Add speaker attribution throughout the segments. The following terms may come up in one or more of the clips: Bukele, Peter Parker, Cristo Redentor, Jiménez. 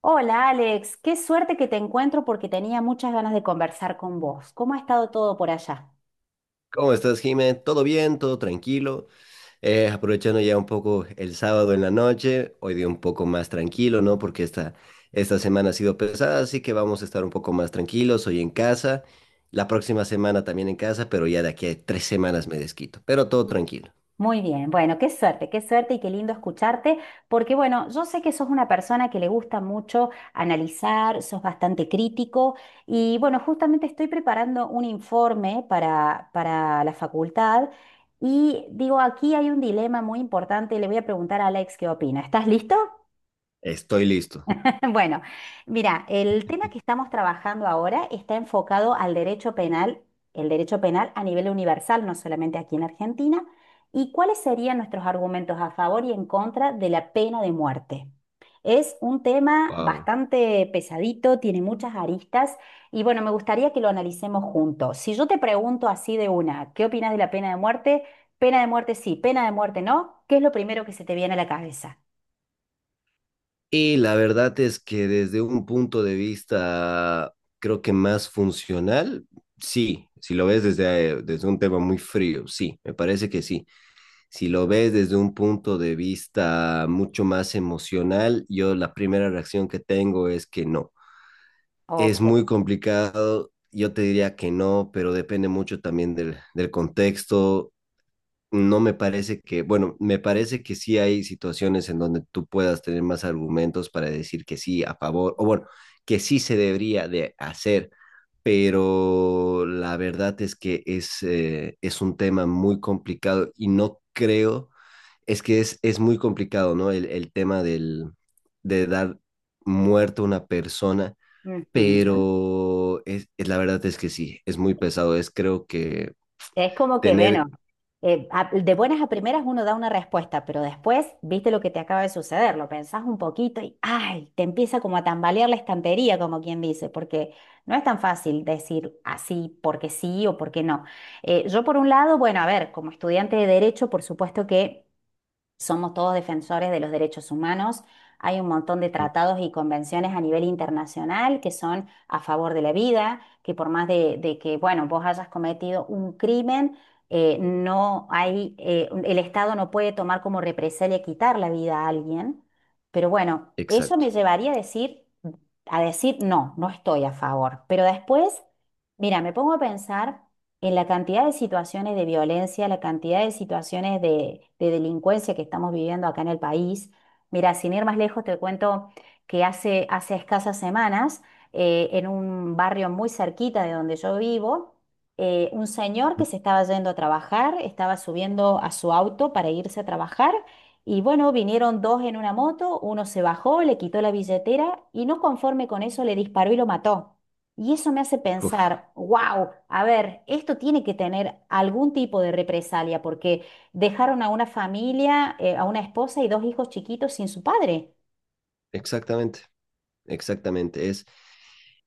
Speaker 1: Hola Alex, qué suerte que te encuentro porque tenía muchas ganas de conversar con vos. ¿Cómo ha estado todo por allá?
Speaker 2: ¿Cómo estás, Jiménez? ¿Todo bien? ¿Todo tranquilo? Aprovechando ya un poco el sábado en la noche, hoy día un poco más tranquilo, ¿no? Esta semana ha sido pesada, así que vamos a estar un poco más tranquilos hoy en casa, la próxima semana también en casa, pero ya de aquí a tres semanas me desquito, pero todo tranquilo.
Speaker 1: Muy bien, bueno, qué suerte y qué lindo escucharte, porque bueno, yo sé que sos una persona que le gusta mucho analizar, sos bastante crítico y bueno, justamente estoy preparando un informe para la facultad y digo, aquí hay un dilema muy importante y le voy a preguntar a Alex qué opina. ¿Estás listo?
Speaker 2: Estoy listo.
Speaker 1: Bueno, mira, el tema que estamos trabajando ahora está enfocado al derecho penal, el derecho penal a nivel universal, no solamente aquí en Argentina, y cuáles serían nuestros argumentos a favor y en contra de la pena de muerte. Es un tema
Speaker 2: Wow.
Speaker 1: bastante pesadito, tiene muchas aristas y bueno, me gustaría que lo analicemos juntos. Si yo te pregunto así de una, ¿qué opinas de la pena de muerte? Pena de muerte sí, pena de muerte no, ¿qué es lo primero que se te viene a la cabeza?
Speaker 2: Y la verdad es que desde un punto de vista, creo que más funcional, sí, si lo ves desde un tema muy frío, sí, me parece que sí. Si lo ves desde un punto de vista mucho más emocional, yo la primera reacción que tengo es que no. Es
Speaker 1: Ok.
Speaker 2: muy complicado, yo te diría que no, pero depende mucho también del contexto. No me parece que, bueno, me parece que sí hay situaciones en donde tú puedas tener más argumentos para decir que sí a favor, o bueno, que sí se debería de hacer, pero la verdad es que es un tema muy complicado y no creo, es que es muy complicado, ¿no? El tema de dar muerto a una persona,
Speaker 1: Ujú.
Speaker 2: pero la verdad es que sí, es muy pesado. Es, creo que
Speaker 1: Es como que,
Speaker 2: tener,
Speaker 1: bueno, de buenas a primeras uno da una respuesta, pero después viste lo que te acaba de suceder, lo pensás un poquito y ¡ay! Te empieza como a tambalear la estantería, como quien dice, porque no es tan fácil decir así porque sí o porque no. Yo por un lado, bueno, a ver, como estudiante de derecho, por supuesto que somos todos defensores de los derechos humanos. Hay un montón de tratados y convenciones a nivel internacional que son a favor de la vida, que por más de que, bueno, vos hayas cometido un crimen, no hay, el Estado no puede tomar como represalia quitar la vida a alguien. Pero bueno, eso me
Speaker 2: exacto.
Speaker 1: llevaría a decir, no, no estoy a favor. Pero después, mira, me pongo a pensar en la cantidad de situaciones de violencia, la cantidad de situaciones de delincuencia que estamos viviendo acá en el país. Mira, sin ir más lejos, te cuento que hace escasas semanas, en un barrio muy cerquita de donde yo vivo, un señor que se estaba yendo a trabajar, estaba subiendo a su auto para irse a trabajar. Y bueno, vinieron dos en una moto, uno se bajó, le quitó la billetera y no conforme con eso le disparó y lo mató. Y eso me hace
Speaker 2: Uf,
Speaker 1: pensar, wow, a ver, esto tiene que tener algún tipo de represalia, porque dejaron a una familia, a una esposa y dos hijos chiquitos sin su padre.
Speaker 2: exactamente. Exactamente,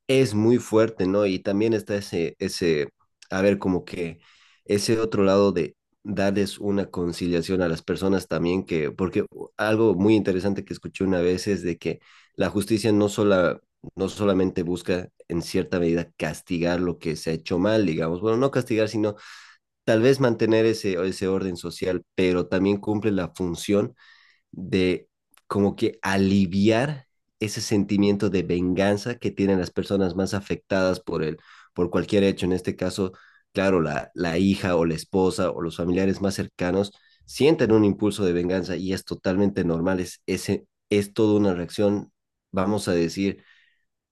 Speaker 2: es muy fuerte, ¿no? Y también está a ver, como que ese otro lado de darles una conciliación a las personas también, que, porque algo muy interesante que escuché una vez es de que la justicia no sola, no solamente busca en cierta medida castigar lo que se ha hecho mal, digamos, bueno, no castigar, sino tal vez mantener ese orden social, pero también cumple la función de, como que, aliviar ese sentimiento de venganza que tienen las personas más afectadas por cualquier hecho, en este caso, claro, la hija o la esposa o los familiares más cercanos sienten un impulso de venganza y es totalmente normal, es, ese es toda una reacción, vamos a decir,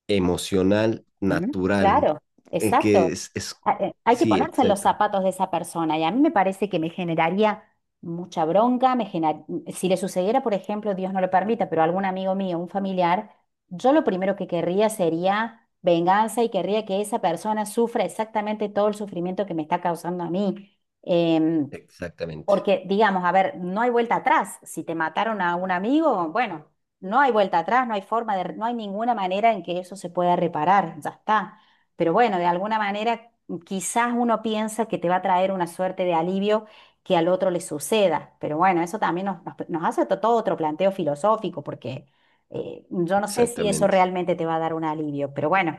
Speaker 2: emocional,
Speaker 1: Ujú.
Speaker 2: natural,
Speaker 1: Claro,
Speaker 2: en que
Speaker 1: exacto.
Speaker 2: es
Speaker 1: Hay que
Speaker 2: sí,
Speaker 1: ponerse en los
Speaker 2: exacto,
Speaker 1: zapatos de esa persona y a mí me parece que me generaría mucha bronca, si le sucediera, por ejemplo, Dios no lo permita, pero a algún amigo mío, un familiar, yo lo primero que querría sería venganza y querría que esa persona sufra exactamente todo el sufrimiento que me está causando a mí. Em,
Speaker 2: exactamente,
Speaker 1: Porque, digamos, a ver, no hay vuelta atrás. Si te mataron a un amigo, bueno, no hay vuelta atrás, no hay forma de, no hay ninguna manera en que eso se pueda reparar, ya está. Pero bueno, de alguna manera, quizás uno piensa que te va a traer una suerte de alivio que al otro le suceda. Pero bueno, eso también nos hace todo otro planteo filosófico, porque yo no sé si eso
Speaker 2: exactamente.
Speaker 1: realmente te va a dar un alivio. Pero bueno,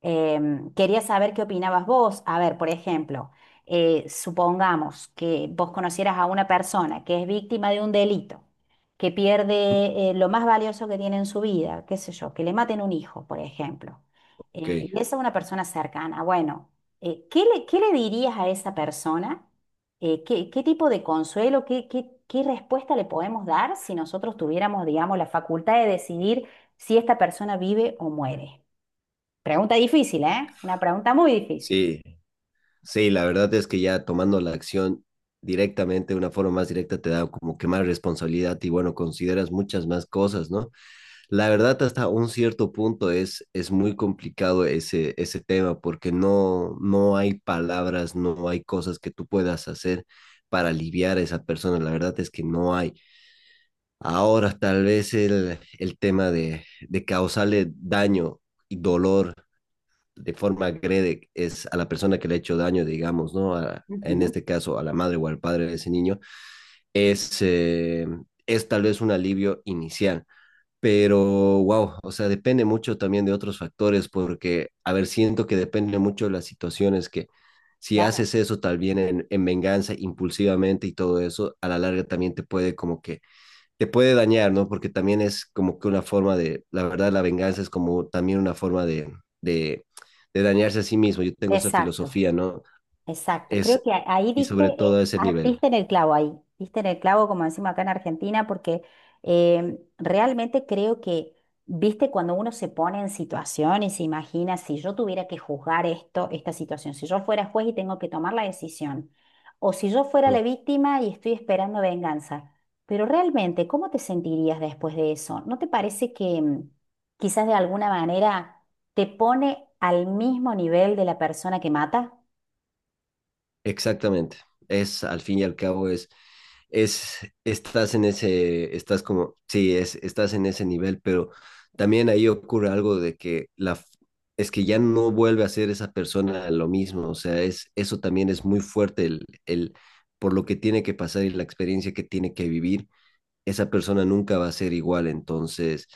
Speaker 1: quería saber qué opinabas vos. A ver, por ejemplo supongamos que vos conocieras a una persona que es víctima de un delito, que pierde lo más valioso que tiene en su vida, qué sé yo, que le maten un hijo, por ejemplo, eh,
Speaker 2: Ok,
Speaker 1: y esa es una persona cercana, bueno, qué le dirías a esa persona? ¿Qué, qué tipo de consuelo, qué, qué, qué respuesta le podemos dar si nosotros tuviéramos, digamos, la facultad de decidir si esta persona vive o muere? Pregunta difícil, ¿eh? Una pregunta muy difícil.
Speaker 2: sí. Sí, la verdad es que ya tomando la acción directamente, de una forma más directa, te da como que más responsabilidad y bueno, consideras muchas más cosas, ¿no? La verdad, hasta un cierto punto es muy complicado ese tema porque no, no hay palabras, no hay cosas que tú puedas hacer para aliviar a esa persona. La verdad es que no hay. Ahora, tal vez el tema de causarle daño y dolor de forma agrede es a la persona que le ha hecho daño, digamos, ¿no? A, en
Speaker 1: Ujú.
Speaker 2: este caso, a la madre o al padre de ese niño, es, eh, es tal vez un alivio inicial. Pero, wow, o sea, depende mucho también de otros factores, porque, a ver, siento que depende mucho de las situaciones que, si
Speaker 1: Claro,
Speaker 2: haces eso tal vez en venganza impulsivamente y todo eso, a la larga también te puede como que te puede dañar, ¿no? Porque también es como que una forma de, la verdad, la venganza es como también una forma de, de dañarse a sí mismo. Yo tengo esa
Speaker 1: exacto.
Speaker 2: filosofía, ¿no?
Speaker 1: Exacto, creo
Speaker 2: Es,
Speaker 1: que ahí
Speaker 2: y
Speaker 1: diste,
Speaker 2: sobre todo a ese nivel.
Speaker 1: diste en el clavo ahí, diste en el clavo como decimos acá en Argentina, porque realmente creo que, viste, cuando uno se pone en situación y se imagina si yo tuviera que juzgar esto, esta situación, si yo fuera juez y tengo que tomar la decisión, o si yo fuera
Speaker 2: Mm.
Speaker 1: la víctima y estoy esperando venganza, pero realmente, ¿cómo te sentirías después de eso? ¿No te parece que quizás de alguna manera te pone al mismo nivel de la persona que mata?
Speaker 2: Exactamente. Es, al fin y al cabo, es, estás en ese, estás como, sí, es, estás en ese nivel, pero también ahí ocurre algo de que es que ya no vuelve a ser esa persona lo mismo, o sea, es, eso también es muy fuerte por lo que tiene que pasar y la experiencia que tiene que vivir esa persona nunca va a ser igual. Entonces,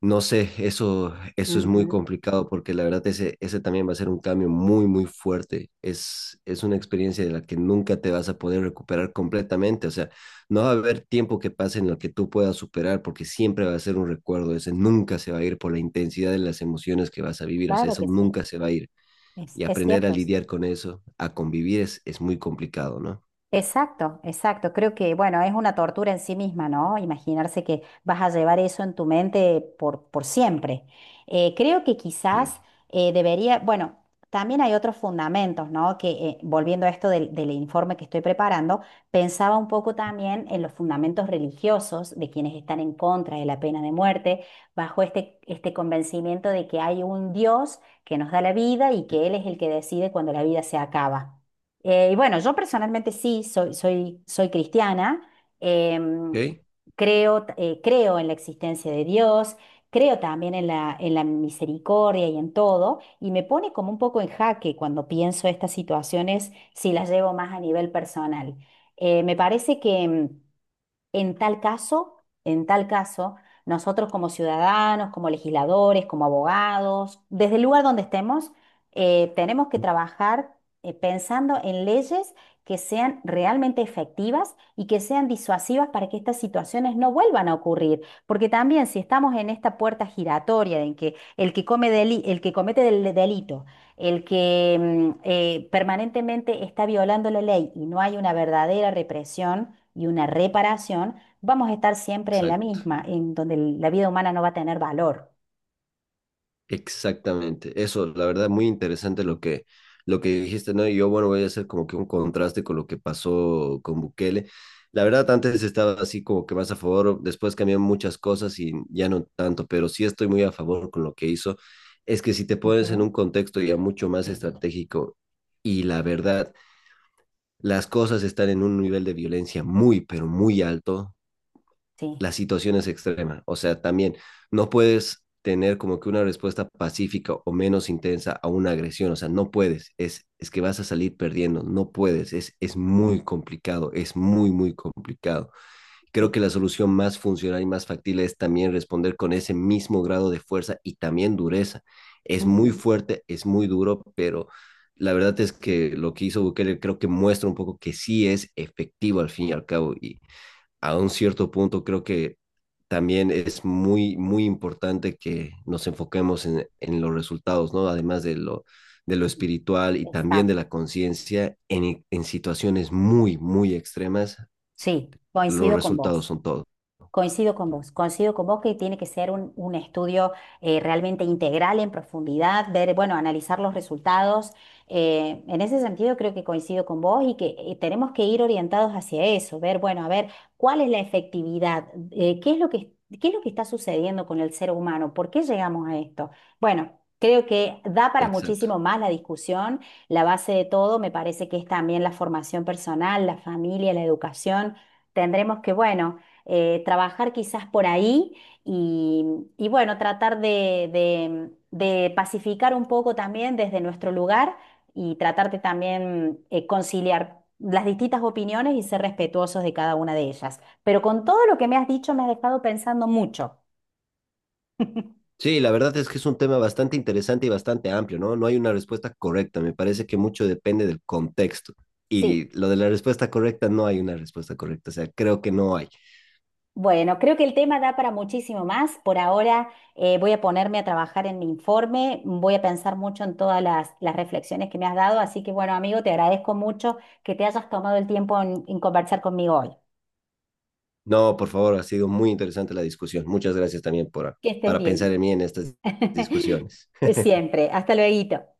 Speaker 2: no sé, eso es muy complicado porque la verdad ese, ese también va a ser un cambio muy, muy fuerte. Es una experiencia de la que nunca te vas a poder recuperar completamente. O sea, no va a haber tiempo que pase en el que tú puedas superar porque siempre va a ser un recuerdo. Ese nunca se va a ir por la intensidad de las emociones que vas a vivir. O sea,
Speaker 1: Claro
Speaker 2: eso
Speaker 1: que sí,
Speaker 2: nunca se va a ir. Y
Speaker 1: es
Speaker 2: aprender a
Speaker 1: cierto.
Speaker 2: lidiar con eso, a convivir es muy complicado, ¿no?
Speaker 1: Exacto, exacto. Creo que, bueno, es una tortura en sí misma, ¿no? Imaginarse que vas a llevar eso en tu mente por siempre. Creo que
Speaker 2: Sí.
Speaker 1: quizás debería, bueno, también hay otros fundamentos, ¿no? Que volviendo a esto del informe que estoy preparando, pensaba un poco también en los fundamentos religiosos de quienes están en contra de la pena de muerte, bajo este convencimiento de que hay un Dios que nos da la vida y que Él es el que decide cuando la vida se acaba. Y bueno, yo personalmente sí, soy cristiana, em,
Speaker 2: Ok,
Speaker 1: creo, creo en la existencia de Dios, creo también en la misericordia y en todo, y me pone como un poco en jaque cuando pienso estas situaciones si las llevo más a nivel personal. Me parece que... en tal caso, en tal caso, nosotros como ciudadanos, como legisladores, como abogados, desde el lugar donde estemos, tenemos que trabajar pensando en leyes que sean realmente efectivas y que sean disuasivas para que estas situaciones no vuelvan a ocurrir. Porque también si estamos en esta puerta giratoria en que el que comete del delito, el que permanentemente está violando la ley y no hay una verdadera represión, y una reparación, vamos a estar siempre en la
Speaker 2: exacto.
Speaker 1: misma, en donde la vida humana no va a tener valor.
Speaker 2: Exactamente, eso, la verdad, muy interesante lo que dijiste, ¿no? Y yo, bueno, voy a hacer como que un contraste con lo que pasó con Bukele. La verdad, antes estaba así como que más a favor, después cambiaron muchas cosas y ya no tanto, pero sí estoy muy a favor con lo que hizo. Es que si te pones en
Speaker 1: Ujú,
Speaker 2: un contexto ya mucho más estratégico y la verdad, las cosas están en un nivel de violencia muy, pero muy alto,
Speaker 1: sí,
Speaker 2: las situaciones extremas. O sea, también no puedes tener como que una respuesta pacífica o menos intensa a una agresión. O sea, no puedes. Es que vas a salir perdiendo. No puedes. Es muy complicado. Es muy, muy complicado. Creo
Speaker 1: sí,
Speaker 2: que la solución más funcional y más factible es también responder con ese mismo grado de fuerza y también dureza. Es muy
Speaker 1: ujú.
Speaker 2: fuerte, es muy duro, pero la verdad es que lo que hizo Bukele creo que muestra un poco que sí es efectivo al fin y al cabo y a un cierto punto creo que también es muy, muy importante que nos enfoquemos en los resultados, ¿no? Además de lo espiritual y también
Speaker 1: Exacto.
Speaker 2: de la conciencia, en situaciones muy, muy extremas,
Speaker 1: Sí,
Speaker 2: los
Speaker 1: coincido con
Speaker 2: resultados
Speaker 1: vos.
Speaker 2: son todo.
Speaker 1: Coincido con vos, coincido con vos que tiene que ser un estudio realmente integral, en profundidad, ver, bueno, analizar los resultados. En ese sentido creo que coincido con vos y que tenemos que ir orientados hacia eso, ver, bueno, a ver, cuál es la efectividad. Eh, qué es lo que, ¿Qué es lo que está sucediendo con el ser humano, por qué llegamos a esto? Bueno. Creo que da para muchísimo
Speaker 2: Exacto.
Speaker 1: más la discusión. La base de todo me parece que es también la formación personal, la familia, la educación. Tendremos que, bueno, trabajar quizás por ahí y, y bueno, tratar de pacificar un poco también desde nuestro lugar y tratar de también conciliar las distintas opiniones y ser respetuosos de cada una de ellas. Pero con todo lo que me has dicho me has dejado pensando mucho.
Speaker 2: Sí, la verdad es que es un tema bastante interesante y bastante amplio, ¿no? No hay una respuesta correcta, me parece que mucho depende del contexto. Y
Speaker 1: Sí.
Speaker 2: lo de la respuesta correcta, no hay una respuesta correcta, o sea, creo que no hay.
Speaker 1: Bueno, creo que el tema da para muchísimo más. Por ahora voy a ponerme a trabajar en mi informe, voy a pensar mucho en todas las reflexiones que me has dado, así que bueno, amigo, te agradezco mucho que te hayas tomado el tiempo en conversar conmigo hoy.
Speaker 2: No, por favor, ha sido muy interesante la discusión. Muchas gracias también por,
Speaker 1: Que estés
Speaker 2: para pensar
Speaker 1: bien.
Speaker 2: en mí en estas discusiones.
Speaker 1: Siempre. Hasta luego.